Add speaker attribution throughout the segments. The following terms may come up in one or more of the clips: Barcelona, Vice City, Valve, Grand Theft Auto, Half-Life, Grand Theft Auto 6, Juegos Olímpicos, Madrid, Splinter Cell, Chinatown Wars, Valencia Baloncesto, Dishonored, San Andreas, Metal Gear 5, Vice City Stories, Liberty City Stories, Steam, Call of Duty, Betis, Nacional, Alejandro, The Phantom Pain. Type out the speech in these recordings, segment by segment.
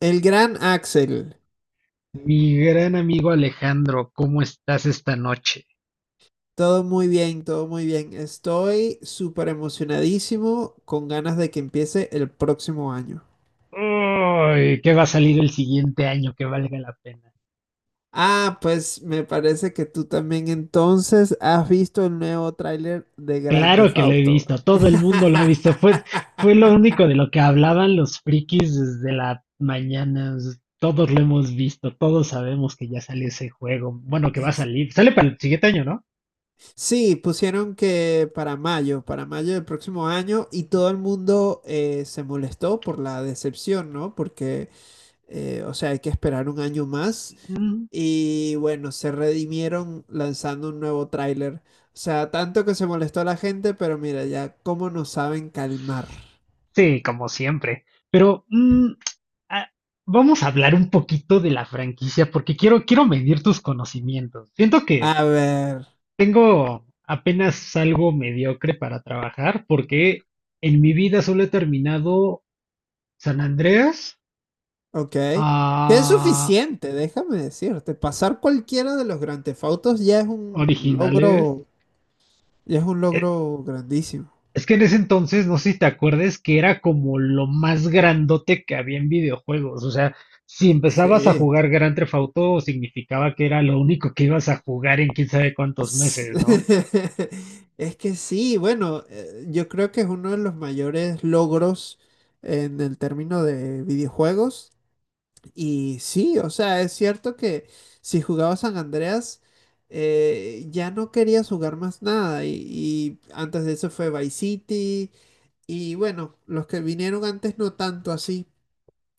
Speaker 1: El gran Axel,
Speaker 2: Mi gran amigo Alejandro, ¿cómo estás esta noche?
Speaker 1: todo muy bien, todo muy bien. Estoy súper emocionadísimo con ganas de que empiece el próximo año.
Speaker 2: Uy, ¿qué va a salir el siguiente año que valga la pena?
Speaker 1: Ah, pues me parece que tú también entonces has visto el nuevo tráiler de Grand
Speaker 2: Claro
Speaker 1: Theft
Speaker 2: que lo he
Speaker 1: Auto.
Speaker 2: visto, todo el mundo lo ha visto. Fue lo único de lo que hablaban los frikis desde la mañana. Todos lo hemos visto, todos sabemos que ya sale ese juego. Bueno, que va a salir. Sale para el siguiente año, ¿no?
Speaker 1: Sí, pusieron que para mayo del próximo año y todo el mundo se molestó por la decepción, ¿no? Porque, o sea, hay que esperar un año más.
Speaker 2: Mm,
Speaker 1: Y bueno, se redimieron lanzando un nuevo tráiler. O sea, tanto que se molestó la gente, pero mira ya cómo nos saben calmar.
Speaker 2: sí, como siempre. Pero ah, vamos a hablar un poquito de la franquicia porque quiero, medir tus conocimientos. Siento que
Speaker 1: A ver,
Speaker 2: tengo apenas algo mediocre para trabajar porque en mi vida solo he terminado San Andreas,
Speaker 1: ok. Que es
Speaker 2: ah,
Speaker 1: suficiente, déjame decirte. Pasar cualquiera de los Grand Theft Autos ya es un
Speaker 2: originales.
Speaker 1: logro, ya es un
Speaker 2: Eh,
Speaker 1: logro grandísimo.
Speaker 2: Es que en ese entonces, no sé si te acuerdes, que era como lo más grandote que había en videojuegos. O sea, si empezabas a
Speaker 1: Sí.
Speaker 2: jugar Grand Theft Auto, significaba que era lo único que ibas a jugar en quién sabe cuántos
Speaker 1: S-
Speaker 2: meses, ¿no?
Speaker 1: Es que sí, bueno, yo creo que es uno de los mayores logros en el término de videojuegos. Y sí, o sea, es cierto que si jugaba San Andreas, ya no querías jugar más nada. Y antes de eso fue Vice City. Y bueno, los que vinieron antes no tanto así.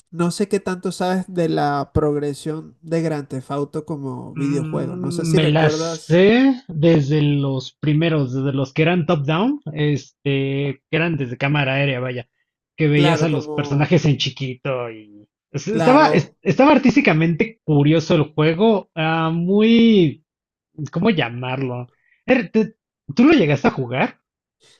Speaker 1: No sé qué tanto sabes de la progresión de Grand Theft Auto como videojuego. No sé si
Speaker 2: Me las
Speaker 1: recuerdas,
Speaker 2: sé desde los primeros, desde los que eran top-down, este, que eran desde cámara aérea, vaya, que veías
Speaker 1: claro,
Speaker 2: a los
Speaker 1: como,
Speaker 2: personajes en chiquito y es- estaba, es-
Speaker 1: claro,
Speaker 2: estaba artísticamente curioso el juego, muy, ¿cómo llamarlo? Er, te- ¿Tú lo llegaste a jugar?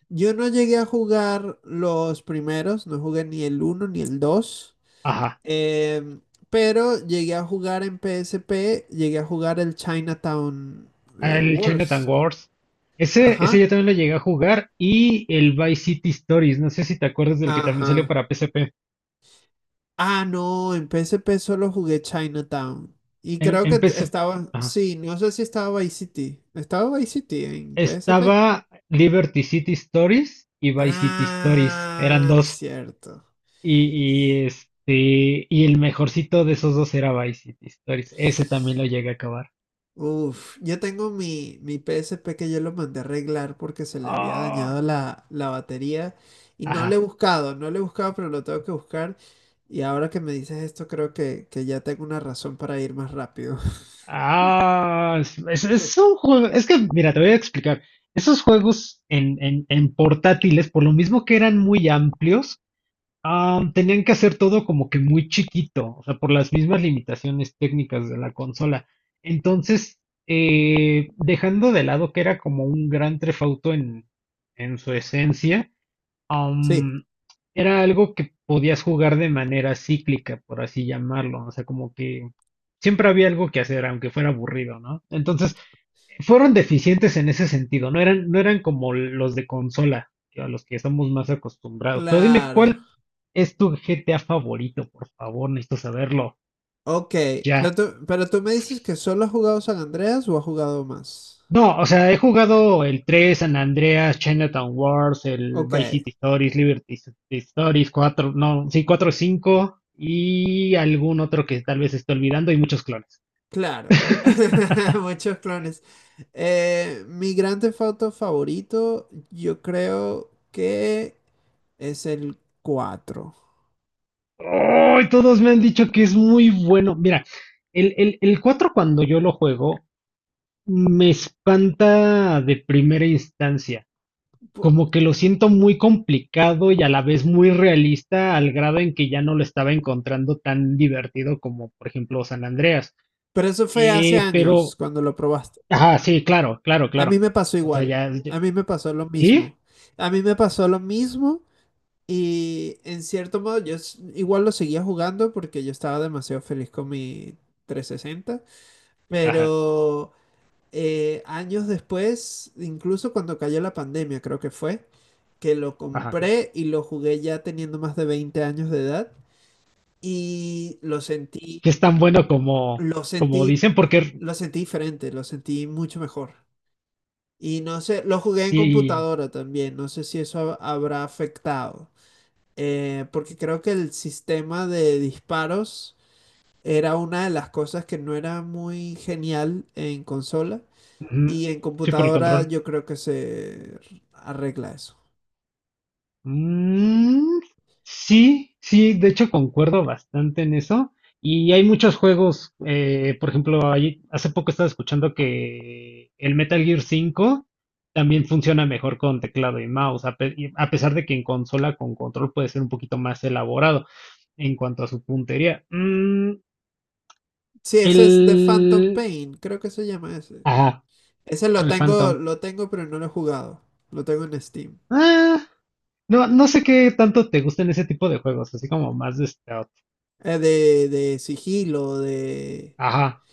Speaker 1: yo no llegué a jugar los primeros, no jugué ni el uno ni el dos.
Speaker 2: Ajá,
Speaker 1: Eh, pero llegué a jugar en PSP, llegué a jugar el Chinatown
Speaker 2: el Chinatown
Speaker 1: Wars.
Speaker 2: Wars. Ese
Speaker 1: Ajá,
Speaker 2: yo también lo llegué a jugar y el Vice City Stories, no sé si te acuerdas del que también salió
Speaker 1: ajá.
Speaker 2: para PSP.
Speaker 1: Ah, no, en PSP solo jugué Chinatown. Y
Speaker 2: En,
Speaker 1: creo
Speaker 2: en
Speaker 1: que
Speaker 2: PSP.
Speaker 1: estaba, sí, no sé si estaba Vice City. ¿Estaba Vice City en PSP?
Speaker 2: Estaba Liberty City Stories y Vice City Stories, eran
Speaker 1: Ah,
Speaker 2: dos.
Speaker 1: cierto.
Speaker 2: Y el mejorcito de esos dos era Vice City Stories. Ese también lo llegué a acabar.
Speaker 1: Uf, yo tengo mi, P S P que yo lo mandé a arreglar porque se le había
Speaker 2: Ah,
Speaker 1: dañado la, batería y no le he
Speaker 2: Ajá.
Speaker 1: buscado, no le he buscado, pero lo tengo que buscar. Y ahora que me dices esto, creo que, ya tengo una razón para ir más rápido.
Speaker 2: Es un juego. Es que, mira, te voy a explicar. Esos juegos en portátiles, por lo mismo que eran muy amplios, tenían que hacer todo como que muy chiquito, o sea, por las mismas limitaciones técnicas de la consola. Entonces, dejando de lado que era como un gran trefauto en su esencia,
Speaker 1: Sí,
Speaker 2: am, era algo que podías jugar de manera cíclica, por así llamarlo, o sea, como que siempre había algo que hacer, aunque fuera aburrido, ¿no? Entonces, fueron deficientes en ese sentido, no eran como los de consola, que a los que estamos más acostumbrados. Pero dime,
Speaker 1: claro.
Speaker 2: ¿cuál es tu GTA favorito? Por favor, necesito saberlo
Speaker 1: Ok, pero
Speaker 2: ya.
Speaker 1: tú, me dices que solo has jugado San Andreas o has jugado más.
Speaker 2: No, o sea, he jugado el 3 San Andreas, Chinatown Wars, el
Speaker 1: Ok,
Speaker 2: Vice City Stories, Liberty City Stories, 4 no, sí, 4 5 y algún otro que tal vez esté olvidando y muchos clones.
Speaker 1: claro. Muchos clones. Mi gran Theft Auto favorito, yo creo que es el cuatro.
Speaker 2: ¡Ay! Todos me han dicho que es muy bueno. Mira, el 4 cuando yo lo juego, me espanta de primera instancia,
Speaker 1: Po-
Speaker 2: como que lo siento muy complicado y a la vez muy realista al grado en que ya no lo estaba encontrando tan divertido como por ejemplo San Andreas.
Speaker 1: Pero eso fue hace años
Speaker 2: Pero,
Speaker 1: cuando lo probaste.
Speaker 2: ajá, sí, claro, claro,
Speaker 1: A
Speaker 2: claro.
Speaker 1: mí me pasó
Speaker 2: O sea,
Speaker 1: igual.
Speaker 2: ya, ya-
Speaker 1: A mí me pasó lo
Speaker 2: ¿sí?
Speaker 1: mismo. A mí me pasó lo mismo y en cierto modo yo igual lo seguía jugando porque yo estaba demasiado feliz con mi 360.
Speaker 2: Ajá,
Speaker 1: Pero años después, incluso cuando cayó la pandemia, creo que fue, que lo
Speaker 2: ajá.
Speaker 1: compré y lo jugué ya teniendo más de 20 años de edad y lo sentí,
Speaker 2: Que es tan bueno como,
Speaker 1: lo
Speaker 2: como
Speaker 1: sentí.
Speaker 2: dicen, porque
Speaker 1: Lo sentí diferente, lo sentí mucho mejor. Y no sé, lo jugué en
Speaker 2: sí,
Speaker 1: computadora también, no sé si eso habrá afectado. Porque creo que el sistema de disparos era una de las cosas que no era muy genial en consola.
Speaker 2: ujú,
Speaker 1: Y en
Speaker 2: sí, por el
Speaker 1: computadora
Speaker 2: control.
Speaker 1: yo creo que se arregla eso.
Speaker 2: Mm, sí, sí, de hecho concuerdo bastante en eso. Y hay muchos juegos, por ejemplo, hace poco estaba escuchando que el Metal Gear 5 también funciona mejor con teclado y mouse, a pesar de que en consola con control puede ser un poquito más elaborado en cuanto a su puntería.
Speaker 1: Sí, ese es The Phantom
Speaker 2: El...
Speaker 1: Pain, creo que se llama ese.
Speaker 2: Ajá,
Speaker 1: Ese
Speaker 2: el Phantom.
Speaker 1: lo tengo, pero no lo he jugado. Lo tengo en Steam.
Speaker 2: Ah, no, no sé qué tanto te gustan ese tipo de juegos, así como más de stealth.
Speaker 1: De sigilo.
Speaker 2: Ajá.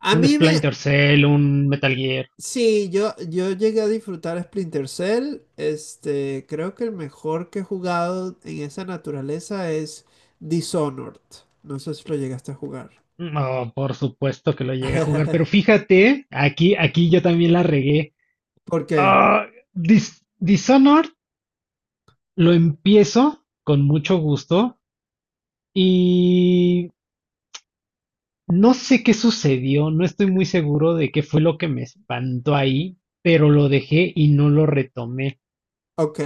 Speaker 1: A
Speaker 2: Un
Speaker 1: mí me,
Speaker 2: Splinter Cell, un Metal Gear.
Speaker 1: sí, yo, llegué a disfrutar Splinter Cell. Este, creo que el mejor que he jugado en esa naturaleza es Dishonored. No sé si lo llegaste a jugar.
Speaker 2: No, por supuesto que lo llegué a jugar, pero fíjate, aquí yo también la regué.
Speaker 1: ¿Por qué?
Speaker 2: Ah, Dishonored lo empiezo con mucho gusto y no sé qué sucedió, no estoy muy seguro de qué fue lo que me espantó ahí, pero lo dejé y no lo retomé.
Speaker 1: Ok,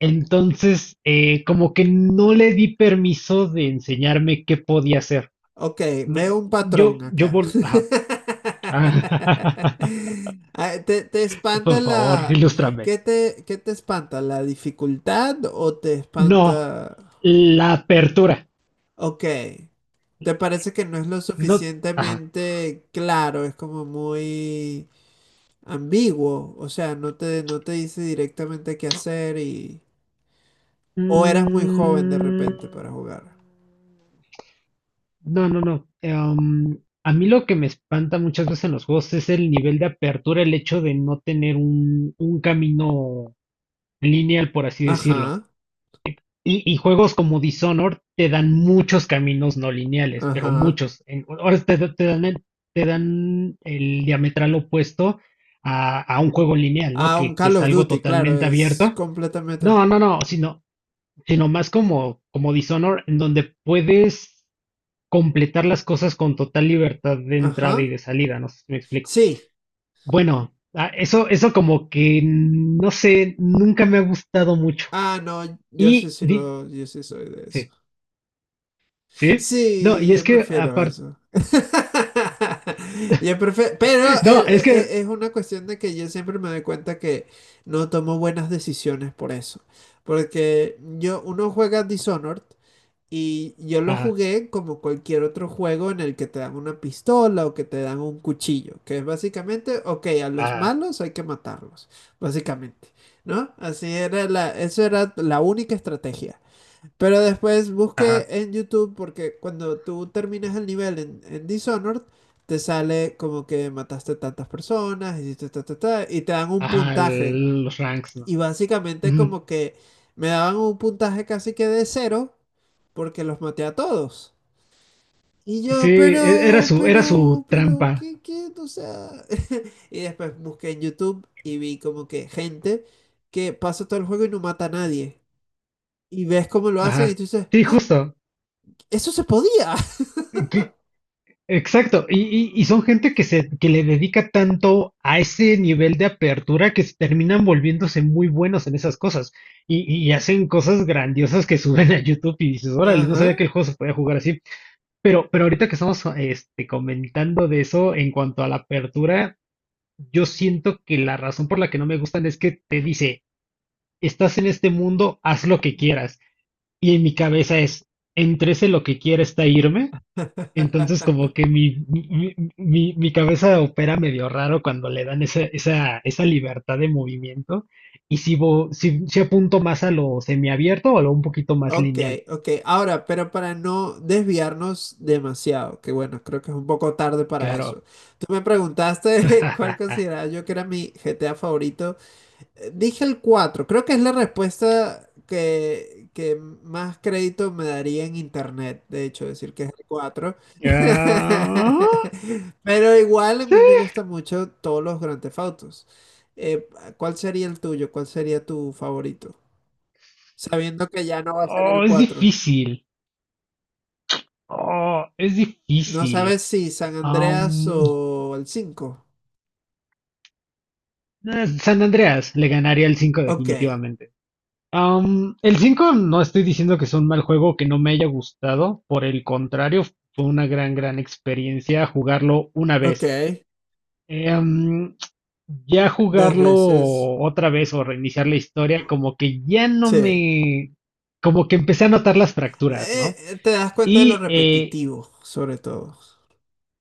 Speaker 2: Entonces, como que no le di permiso de enseñarme qué podía hacer.
Speaker 1: ok,
Speaker 2: Me-
Speaker 1: veo un patrón acá.
Speaker 2: ajá, Ah,
Speaker 1: Ah, ¿te,
Speaker 2: por
Speaker 1: espanta
Speaker 2: favor,
Speaker 1: la...
Speaker 2: ilústrame.
Speaker 1: ¿Qué te, espanta? ¿La dificultad o te
Speaker 2: No,
Speaker 1: espanta...
Speaker 2: la apertura.
Speaker 1: Ok. ¿Te parece que no es lo
Speaker 2: No, ajá.
Speaker 1: suficientemente claro? Es como muy ambiguo, o sea, no te, dice directamente qué hacer y... O eras muy joven de
Speaker 2: mm,
Speaker 1: repente para jugar.
Speaker 2: no, no, no. A mí lo que me espanta muchas veces en los juegos es el nivel de apertura, el hecho de no tener un camino lineal, por así decirlo.
Speaker 1: Ajá,
Speaker 2: Y juegos como Dishonored te dan muchos caminos no lineales, pero
Speaker 1: ajá.
Speaker 2: muchos. Ahora te dan el diametral opuesto a un juego lineal, ¿no?
Speaker 1: Ah, un
Speaker 2: Que
Speaker 1: Call
Speaker 2: es
Speaker 1: of
Speaker 2: algo
Speaker 1: Duty, claro,
Speaker 2: totalmente
Speaker 1: es
Speaker 2: abierto.
Speaker 1: completamente...
Speaker 2: No, no, no, sino más como Dishonored, en donde puedes completar las cosas con total libertad de entrada y
Speaker 1: Ajá.
Speaker 2: de salida, no sé si me explico.
Speaker 1: Sí.
Speaker 2: Bueno, eso como que, no sé, nunca me ha gustado mucho.
Speaker 1: Ah, no, yo sí,
Speaker 2: Y,
Speaker 1: sí
Speaker 2: di-
Speaker 1: lo, yo sí soy de eso.
Speaker 2: sí. Sí, no,
Speaker 1: Sí,
Speaker 2: y es
Speaker 1: yo
Speaker 2: que
Speaker 1: prefiero
Speaker 2: aparte,
Speaker 1: eso. Yo prefiero, pero
Speaker 2: no, es que,
Speaker 1: es una cuestión de que yo siempre me doy cuenta que no tomo buenas decisiones por eso. Porque yo, uno juega Dishonored y yo lo
Speaker 2: ajá,
Speaker 1: jugué como cualquier otro juego en el que te dan una pistola o que te dan un cuchillo, que es básicamente, ok, a los
Speaker 2: ajá,
Speaker 1: malos hay que matarlos, básicamente, ¿no? Así era eso era la única estrategia. Pero después busqué
Speaker 2: ajá,
Speaker 1: en YouTube porque cuando tú terminas el nivel en, Dishonored, te sale como que mataste tantas personas, hiciste ta, ta, ta, y te dan un
Speaker 2: ajá,
Speaker 1: puntaje.
Speaker 2: los ranks,
Speaker 1: Y
Speaker 2: ¿no?
Speaker 1: básicamente
Speaker 2: Ujú.
Speaker 1: como que me daban un puntaje casi que de cero porque los maté a todos. Y
Speaker 2: Sí,
Speaker 1: yo,
Speaker 2: era
Speaker 1: pero,
Speaker 2: su
Speaker 1: pero, pero,
Speaker 2: trampa,
Speaker 1: ¿qué, qué? O sea... Y después busqué en YouTube y vi como que gente que pasa todo el juego y no mata a nadie. Y ves cómo lo hacen y
Speaker 2: ajá,
Speaker 1: tú dices,
Speaker 2: sí,
Speaker 1: ¡ah!
Speaker 2: justo,
Speaker 1: Eso se podía.
Speaker 2: que- exacto, y, y son gente que le dedica tanto a ese nivel de apertura que se terminan volviéndose muy buenos en esas cosas, y, y hacen cosas grandiosas que suben a YouTube y dices, órale, no sabía que
Speaker 1: Ajá.
Speaker 2: el juego se podía jugar así. Pero ahorita que estamos este, comentando de eso en cuanto a la apertura, yo siento que la razón por la que no me gustan es que te dice, estás en este mundo, haz lo que quieras. Y en mi cabeza es, entre ese lo que quiera está irme. Entonces como que mi cabeza opera medio raro cuando le dan esa libertad de movimiento. Y si apunto más a lo semiabierto o a lo un poquito más
Speaker 1: Ok,
Speaker 2: lineal,
Speaker 1: ok. Ahora, pero para no desviarnos demasiado, que bueno, creo que es un poco tarde para
Speaker 2: claro.
Speaker 1: eso. Tú me preguntaste cuál consideraba yo que era mi GTA favorito. Dije el cuatro, creo que es la respuesta que, más crédito me daría en internet, de hecho, decir que es el cuatro.
Speaker 2: Ah,
Speaker 1: Pero igual a
Speaker 2: sí.
Speaker 1: mí me gustan mucho todos los Grand Theft Autos. Eh, ¿Cuál sería el tuyo? ¿Cuál sería tu favorito? Sabiendo que ya no va a ser
Speaker 2: Oh,
Speaker 1: el
Speaker 2: es
Speaker 1: cuatro.
Speaker 2: difícil. Oh, es
Speaker 1: No
Speaker 2: difícil.
Speaker 1: sabes si San Andreas
Speaker 2: Am,
Speaker 1: o el cinco.
Speaker 2: San Andreas le ganaría el 5
Speaker 1: Ok,
Speaker 2: definitivamente. El 5 no estoy diciendo que sea un mal juego que no me haya gustado, por el contrario, fue una gran, gran experiencia jugarlo una
Speaker 1: ok,
Speaker 2: vez. Eh, am, ya
Speaker 1: dos
Speaker 2: jugarlo
Speaker 1: veces,
Speaker 2: otra vez o reiniciar la historia, como que ya no
Speaker 1: sí.
Speaker 2: me, como que empecé a notar las fracturas, ¿no?
Speaker 1: Te das cuenta de lo
Speaker 2: Y eh,
Speaker 1: repetitivo, sobre todo.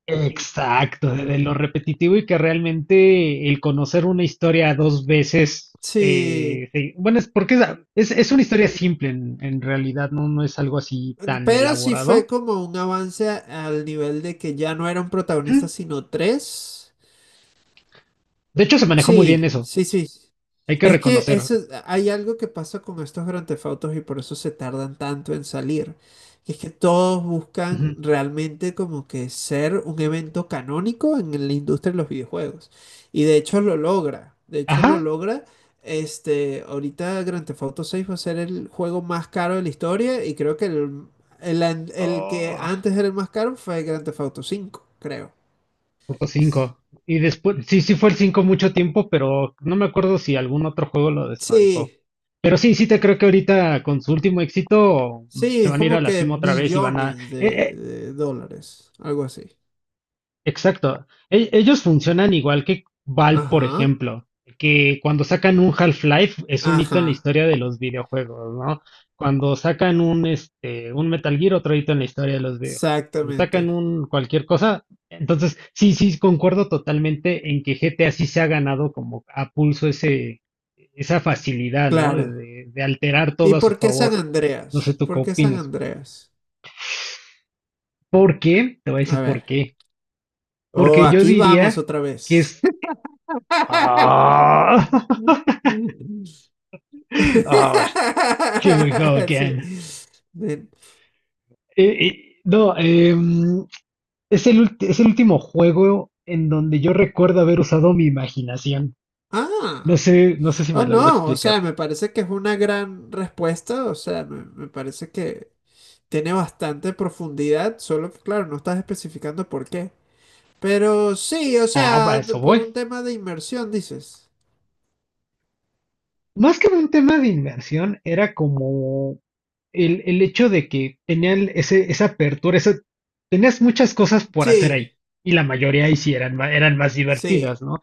Speaker 2: Exacto, de lo repetitivo y que realmente el conocer una historia dos veces,
Speaker 1: Sí,
Speaker 2: sí, bueno, es porque es una historia simple en realidad, no, no es algo así tan
Speaker 1: pero sí fue
Speaker 2: elaborado.
Speaker 1: como un avance al nivel de que ya no era un protagonista,
Speaker 2: Ujú.
Speaker 1: sino tres.
Speaker 2: De hecho, se manejó muy bien
Speaker 1: Sí,
Speaker 2: eso,
Speaker 1: sí, sí.
Speaker 2: hay que
Speaker 1: Es que
Speaker 2: reconocer.
Speaker 1: eso, hay algo que pasa con estos Grand Theft Autos y por eso se tardan tanto en salir. Que es que todos buscan
Speaker 2: Ujú.
Speaker 1: realmente como que ser un evento canónico en la industria de los videojuegos. Y de hecho lo logra. De hecho lo
Speaker 2: Ajá.
Speaker 1: logra. Este, ahorita Grand Theft Auto 6 va a ser el juego más caro de la historia y creo que el que
Speaker 2: Oh,
Speaker 1: antes era el más caro fue Grand Theft Auto 5, creo.
Speaker 2: punto 5. Y después, sí, sí fue el cinco mucho tiempo, pero no me acuerdo si algún otro juego lo desbancó.
Speaker 1: Sí,
Speaker 2: Pero sí, sí te creo que ahorita con su último éxito
Speaker 1: sí,
Speaker 2: se
Speaker 1: es
Speaker 2: van a ir a
Speaker 1: como
Speaker 2: la
Speaker 1: que
Speaker 2: cima otra vez y van a...
Speaker 1: billones de, dólares, algo así.
Speaker 2: Exacto. Ellos funcionan igual que Valve, por
Speaker 1: Ajá,
Speaker 2: ejemplo, que cuando sacan un Half-Life es un hito en la
Speaker 1: ajá,
Speaker 2: historia de los videojuegos, ¿no? Cuando sacan un, este, un Metal Gear, otro hito en la historia de los videojuegos. Cuando sacan
Speaker 1: exactamente,
Speaker 2: un cualquier cosa, entonces sí, sí, concuerdo totalmente en que GTA sí se ha ganado como a pulso ese, esa facilidad, ¿no? De,
Speaker 1: claro.
Speaker 2: de- de alterar todo
Speaker 1: ¿Y
Speaker 2: a su
Speaker 1: por qué San
Speaker 2: favor. No sé
Speaker 1: Andreas?
Speaker 2: tú qué
Speaker 1: ¿Por qué San
Speaker 2: opinas.
Speaker 1: Andreas?
Speaker 2: ¿Por qué? Te voy a
Speaker 1: A
Speaker 2: decir por
Speaker 1: ver.
Speaker 2: qué.
Speaker 1: Oh,
Speaker 2: Porque yo
Speaker 1: aquí vamos
Speaker 2: diría
Speaker 1: otra
Speaker 2: que
Speaker 1: vez.
Speaker 2: es Ah, ah, here we go
Speaker 1: Sí.
Speaker 2: again.
Speaker 1: Ven.
Speaker 2: No, es el último juego en donde yo recuerdo haber usado mi imaginación. No
Speaker 1: Ah,
Speaker 2: sé, no sé si
Speaker 1: oh
Speaker 2: me logro
Speaker 1: no, o
Speaker 2: explicar.
Speaker 1: sea, me parece que es una gran respuesta, o sea, me, parece que tiene bastante profundidad, solo que claro, no estás especificando por qué. Pero sí, o
Speaker 2: Ah, para
Speaker 1: sea,
Speaker 2: eso
Speaker 1: por
Speaker 2: voy.
Speaker 1: un tema de inmersión, dices.
Speaker 2: Más que un tema de inmersión, era como el hecho de que tenían ese, esa apertura, tenías muchas cosas por hacer
Speaker 1: Sí,
Speaker 2: ahí. Y la mayoría ahí sí eran, eran más divertidas,
Speaker 1: sí.
Speaker 2: ¿no?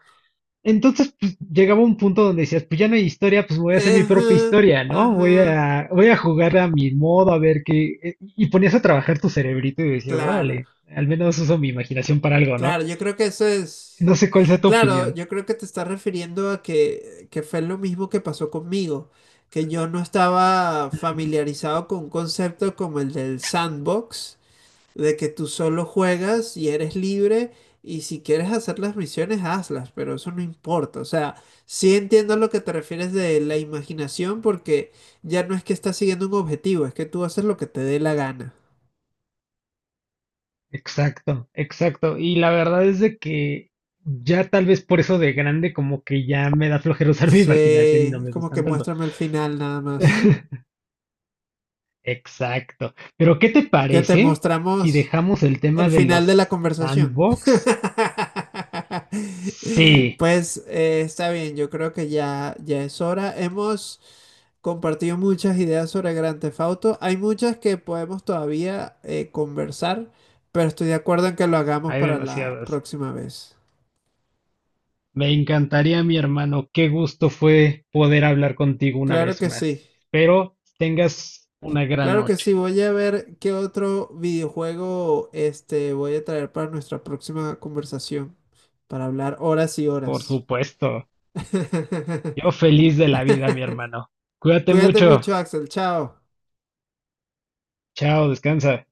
Speaker 2: Entonces, pues llegaba un punto donde decías, pues ya no hay historia, pues voy a hacer mi propia
Speaker 1: Ajá,
Speaker 2: historia, ¿no? Voy
Speaker 1: ajá.
Speaker 2: a, voy a jugar a mi modo, a ver qué. Y ponías a trabajar tu cerebrito y decías,
Speaker 1: Claro,
Speaker 2: órale, al menos uso mi imaginación para algo, ¿no?
Speaker 1: claro, yo creo que eso
Speaker 2: No
Speaker 1: es.
Speaker 2: sé cuál sea tu
Speaker 1: Claro,
Speaker 2: opinión.
Speaker 1: yo creo que te estás refiriendo a que, fue lo mismo que pasó conmigo, que yo no estaba familiarizado con un concepto como el del sandbox, de que tú solo juegas y eres libre y si quieres hacer las misiones, hazlas, pero eso no importa. O sea, sí entiendo a lo que te refieres de la imaginación porque ya no es que estás siguiendo un objetivo, es que tú haces lo que te dé la gana.
Speaker 2: Exacto, exacto. Y la verdad es de que ya tal vez por eso de grande, como que ya me da flojera usar mi
Speaker 1: Sí,
Speaker 2: imaginación y no
Speaker 1: es
Speaker 2: me
Speaker 1: como
Speaker 2: gustan
Speaker 1: que
Speaker 2: tanto.
Speaker 1: muéstrame el final nada más.
Speaker 2: Exacto. Pero, ¿qué te
Speaker 1: Qué te
Speaker 2: parece si
Speaker 1: mostramos
Speaker 2: dejamos el tema
Speaker 1: el
Speaker 2: de
Speaker 1: final de la
Speaker 2: los
Speaker 1: conversación.
Speaker 2: sandbox? Sí.
Speaker 1: Pues está bien, yo creo que ya, ya es hora. Hemos compartido muchas ideas sobre Grand Theft Auto. Hay muchas que podemos todavía conversar, pero estoy de acuerdo en que lo hagamos
Speaker 2: Hay
Speaker 1: para la
Speaker 2: demasiadas.
Speaker 1: próxima vez.
Speaker 2: Me encantaría, mi hermano. Qué gusto fue poder hablar contigo una
Speaker 1: Claro
Speaker 2: vez
Speaker 1: que sí.
Speaker 2: más. Espero tengas una gran
Speaker 1: Claro que
Speaker 2: noche.
Speaker 1: sí. Voy a ver qué otro videojuego este, voy a traer para nuestra próxima conversación, para hablar horas y
Speaker 2: Por
Speaker 1: horas.
Speaker 2: supuesto. Yo feliz de la vida, mi hermano. Cuídate
Speaker 1: Cuídate
Speaker 2: mucho.
Speaker 1: mucho, Axel. Chao.
Speaker 2: Chao, descansa.